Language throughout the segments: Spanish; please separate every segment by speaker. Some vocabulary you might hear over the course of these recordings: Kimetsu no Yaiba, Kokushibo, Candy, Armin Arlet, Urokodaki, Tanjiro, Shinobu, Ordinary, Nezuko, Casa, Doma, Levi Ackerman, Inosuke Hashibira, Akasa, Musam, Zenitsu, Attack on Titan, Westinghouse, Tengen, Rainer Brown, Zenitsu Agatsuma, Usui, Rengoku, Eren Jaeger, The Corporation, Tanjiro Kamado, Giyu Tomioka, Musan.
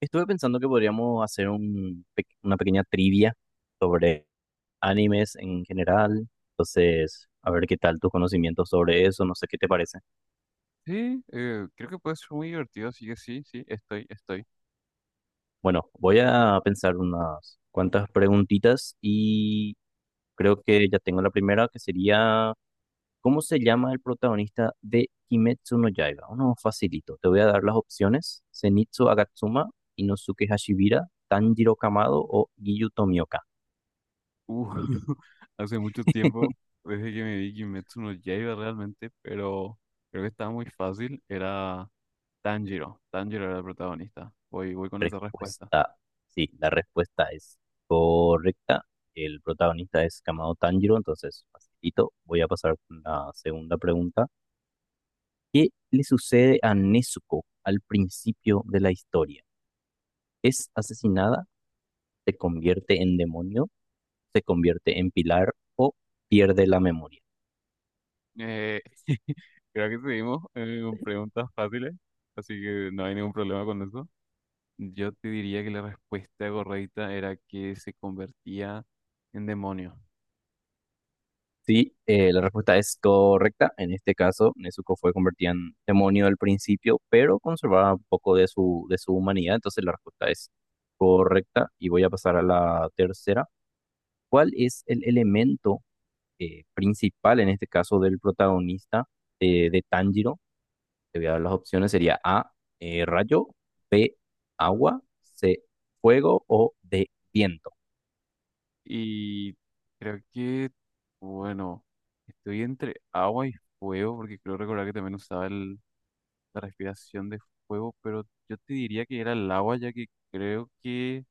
Speaker 1: Estuve pensando que podríamos hacer una pequeña trivia sobre animes en general. Entonces, a ver qué tal tus conocimientos sobre eso, no sé qué te parece.
Speaker 2: Sí, creo que puede ser muy divertido, así que sí, sí, estoy.
Speaker 1: Bueno, voy a pensar unas cuantas preguntitas y creo que ya tengo la primera, que sería, ¿cómo se llama el protagonista de Kimetsu no Yaiba? Uno facilito. Te voy a dar las opciones. Zenitsu Agatsuma, Inosuke Hashibira, Tanjiro Kamado o Giyu Tomioka.
Speaker 2: Uh, hace mucho tiempo, desde que me vi Kimetsu no Yaiba realmente, pero creo que estaba muy fácil, era Tanjiro era el protagonista. Voy con esa respuesta.
Speaker 1: Respuesta, sí, la respuesta es correcta. El protagonista es Kamado Tanjiro, entonces facilito. Voy a pasar con la segunda pregunta. ¿Qué le sucede a Nezuko al principio de la historia? ¿Es asesinada? ¿Se convierte en demonio? ¿Se convierte en pilar o pierde la memoria?
Speaker 2: Eh, creo que seguimos con preguntas fáciles, así que no hay ningún problema con eso. Yo te diría que la respuesta correcta era que se convertía en demonio.
Speaker 1: Sí, la respuesta es correcta. En este caso, Nezuko fue convertida en demonio al principio, pero conservaba un poco de su humanidad. Entonces, la respuesta es correcta. Y voy a pasar a la tercera. ¿Cuál es el elemento principal, en este caso, del protagonista de Tanjiro? Te voy a dar las opciones. Sería A, rayo, B, agua, C, fuego o D, viento.
Speaker 2: Y creo que, bueno, estoy entre agua y fuego, porque creo recordar que también usaba la respiración de fuego, pero yo te diría que era el agua, ya que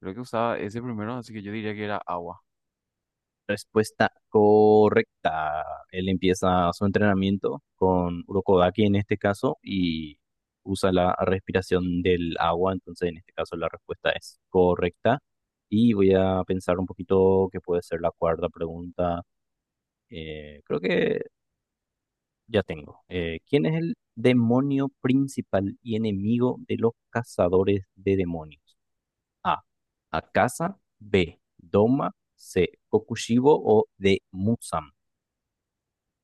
Speaker 2: creo que usaba ese primero, así que yo diría que era agua.
Speaker 1: Respuesta correcta. Él empieza su entrenamiento con urokodaki en este caso y usa la respiración del agua. Entonces, en este caso, la respuesta es correcta. Y voy a pensar un poquito qué puede ser la cuarta pregunta. Creo que ya tengo. ¿Quién es el demonio principal y enemigo de los cazadores de demonios? A. Akasa. B. Doma. C. Kokushibo o D. Musam.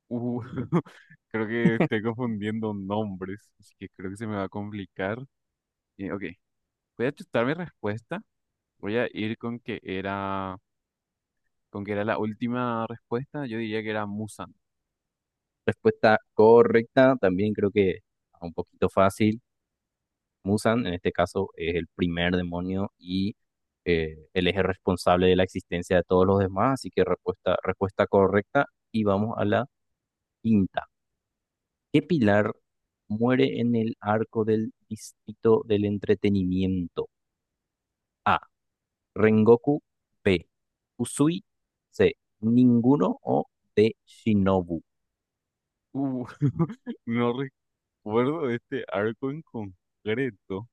Speaker 2: Uh, creo que estoy confundiendo nombres, así que creo que se me va a complicar. Ok, voy a chutar mi respuesta. Voy a ir con que era la última respuesta. Yo diría que era Musan.
Speaker 1: Respuesta correcta, también creo que un poquito fácil. Musan, en este caso, es el primer demonio y él es el responsable de la existencia de todos los demás, así que respuesta correcta. Y vamos a la quinta. ¿Qué pilar muere en el arco del distrito del entretenimiento? A. Rengoku. B. Usui. C. Ninguno o D. Shinobu.
Speaker 2: Uh, no acuerdo de este arco en concreto,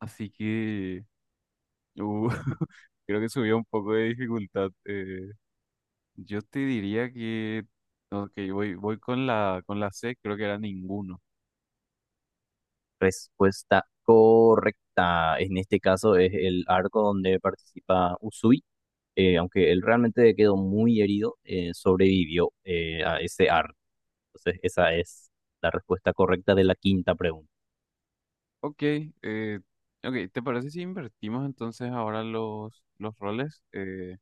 Speaker 2: así que uh, creo que subió un poco de dificultad. Yo te diría que, ok, voy con la C, creo que era ninguno.
Speaker 1: Respuesta correcta. En este caso es el arco donde participa Usui. Aunque él realmente quedó muy herido, sobrevivió a ese arco. Entonces, esa es la respuesta correcta de la quinta pregunta.
Speaker 2: Ok, ok, ¿te parece si invertimos entonces ahora los roles?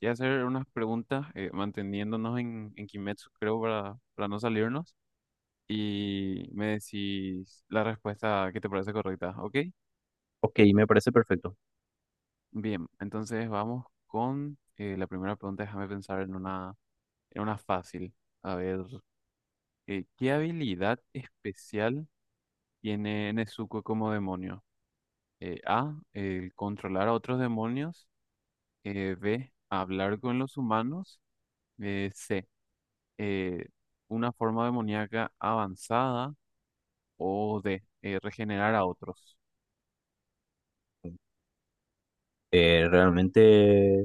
Speaker 2: Y hacer unas preguntas manteniéndonos en Kimetsu, creo, para no salirnos. Y me decís la respuesta que te parece correcta, ¿ok?
Speaker 1: Ok, me parece perfecto.
Speaker 2: Bien, entonces vamos con la primera pregunta. Déjame pensar en una fácil. A ver, ¿qué habilidad especial tiene Nezuko como demonio? A, el controlar a otros demonios. B, hablar con los humanos. C, eh, una forma demoníaca avanzada. O D, regenerar a otros.
Speaker 1: Realmente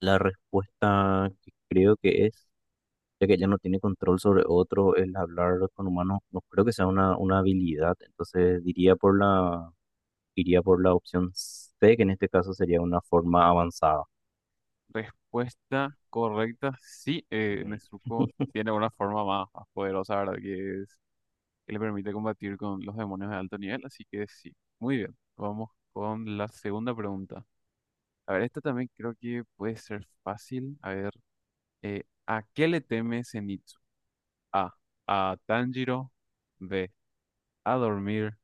Speaker 1: la respuesta que creo que es, ya que ella no tiene control sobre otro, el hablar con humanos, no creo que sea una habilidad. Entonces diría por la iría por la opción C, que en este caso sería una forma avanzada.
Speaker 2: Respuesta correcta, sí,
Speaker 1: Mm.
Speaker 2: Nezuko tiene una forma más poderosa, ¿verdad? Que es que le permite combatir con los demonios de alto nivel, así que sí, muy bien. Vamos con la segunda pregunta. A ver, esta también creo que puede ser fácil. A ver, ¿a qué le teme Zenitsu? A, a Tanjiro, B, a dormir,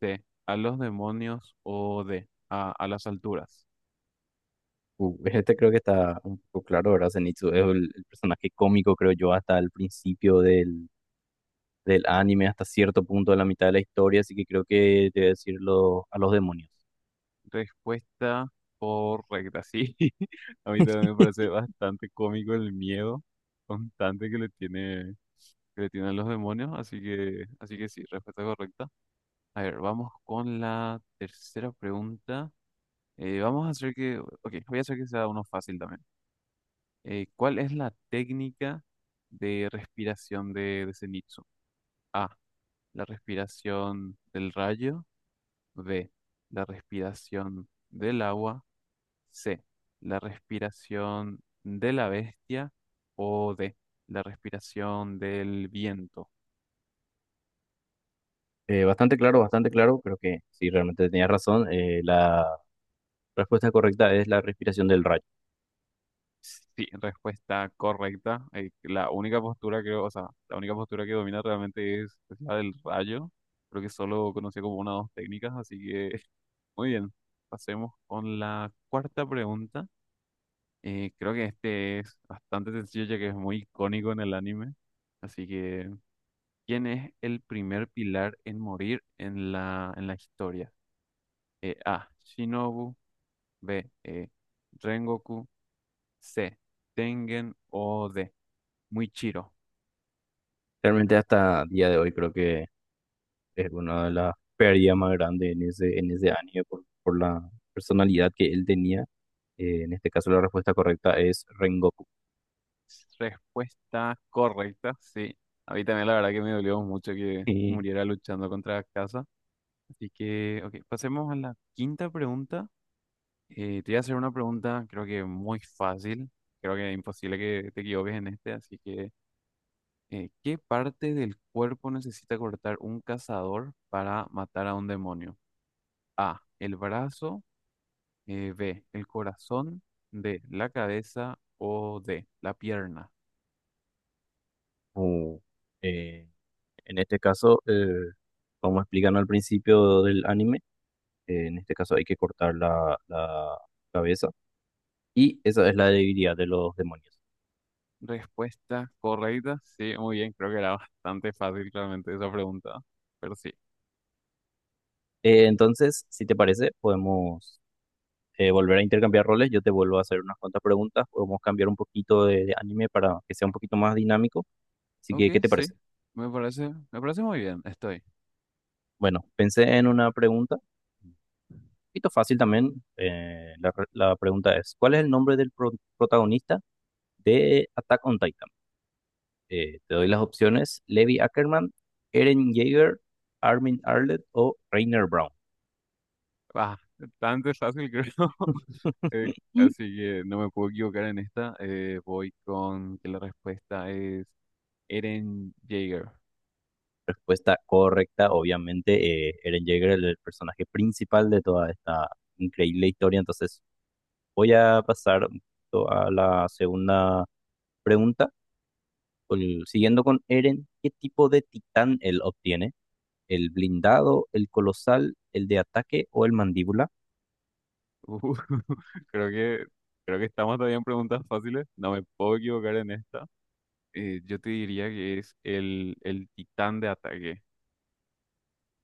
Speaker 2: C, a los demonios o D, a las alturas.
Speaker 1: Este creo que está un poco claro, ¿verdad? Zenitsu es el personaje cómico, creo yo, hasta el principio del anime, hasta cierto punto de la mitad de la historia, así que creo que debe decirlo a los demonios.
Speaker 2: Respuesta correcta, sí. A mí también me parece bastante cómico el miedo constante que le tiene que le tienen los demonios, así que sí, respuesta correcta. A ver, vamos con la tercera pregunta. Vamos a hacer que, Ok, voy a hacer que sea uno fácil también. ¿Cuál es la técnica de respiración de Zenitsu? A, la respiración del rayo. B, la respiración del agua. C, la respiración de la bestia. O D, la respiración del viento.
Speaker 1: Bastante claro, creo que sí, realmente tenías razón. La respuesta correcta es la respiración del rayo.
Speaker 2: Sí, respuesta correcta. La única postura que, O sea, la única postura que domina realmente es la del rayo. Creo que solo conocía como una o dos técnicas, así que muy bien. Pasemos con la cuarta pregunta. Creo que este es bastante sencillo ya que es muy icónico en el anime. Así que, ¿quién es el primer pilar en morir en en la historia? A. Shinobu. B. Rengoku. C. Tengen o D. Muy chiro.
Speaker 1: Realmente hasta día de hoy creo que es una de las pérdidas más grandes en ese anime por la personalidad que él tenía. En este caso la respuesta correcta es Rengoku.
Speaker 2: Respuesta correcta, sí. A mí también la verdad que me dolió mucho que
Speaker 1: Y,
Speaker 2: muriera luchando contra Casa. Así que, ok, pasemos a la quinta pregunta. Te voy a hacer una pregunta, creo que muy fácil. Creo que es imposible que te equivoques en este. Así que, ¿qué parte del cuerpo necesita cortar un cazador para matar a un demonio? A, el brazo. B, el corazón. D, la cabeza. O D, la pierna.
Speaker 1: uh, eh, en este caso, como explican al principio del anime, en este caso hay que cortar la cabeza y esa es la debilidad de los demonios.
Speaker 2: Respuesta correcta. Sí, muy bien. Creo que era bastante fácil realmente esa pregunta. Pero sí.
Speaker 1: Entonces, si te parece, podemos volver a intercambiar roles. Yo te vuelvo a hacer unas cuantas preguntas. Podemos cambiar un poquito de anime para que sea un poquito más dinámico. Así
Speaker 2: Ok,
Speaker 1: que, ¿qué te
Speaker 2: sí.
Speaker 1: parece?
Speaker 2: Me parece muy bien. Estoy.
Speaker 1: Bueno, pensé en una pregunta, un poquito fácil también. La pregunta es, ¿cuál es el nombre protagonista de Attack on Titan? Te doy las opciones, Levi Ackerman, Eren Jaeger, Armin Arlet o Rainer Brown.
Speaker 2: Ah, bastante fácil, creo. Eh, Así que no me puedo equivocar en esta. Voy con que la respuesta es Eren Jaeger.
Speaker 1: Respuesta correcta, obviamente, Eren Jaeger es el personaje principal de toda esta increíble historia. Entonces, voy a pasar un poquito a la segunda pregunta. Siguiendo con Eren, ¿qué tipo de titán él obtiene? ¿El blindado, el colosal, el de ataque o el mandíbula?
Speaker 2: Uh, creo que, creo que estamos todavía en preguntas fáciles. No me puedo equivocar en esta. Yo te diría que es el titán de ataque.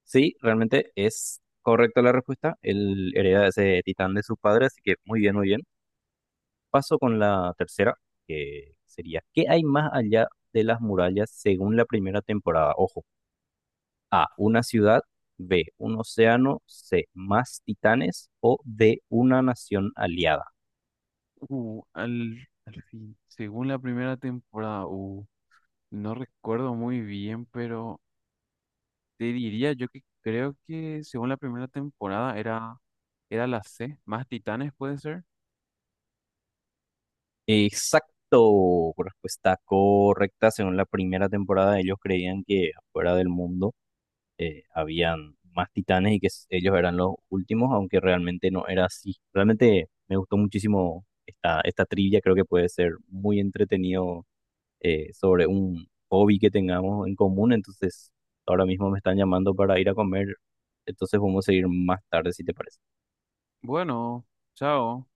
Speaker 1: Sí, realmente es correcta la respuesta. Él hereda ese titán de su padre, así que muy bien, muy bien. Paso con la tercera, que sería, ¿qué hay más allá de las murallas según la primera temporada? Ojo, A, una ciudad, B, un océano, C, más titanes o D, una nación aliada.
Speaker 2: Uh, al, Al fin. Según la primera temporada, no recuerdo muy bien, pero te diría yo que creo que según la primera temporada era la C, más Titanes puede ser.
Speaker 1: Exacto, respuesta correcta. Según la primera temporada, ellos creían que fuera del mundo habían más titanes y ellos eran los últimos, aunque realmente no era así. Realmente me gustó muchísimo esta, esta trivia, creo que puede ser muy entretenido sobre un hobby que tengamos en común. Entonces, ahora mismo me están llamando para ir a comer, entonces vamos a seguir más tarde si te parece.
Speaker 2: Bueno, chao.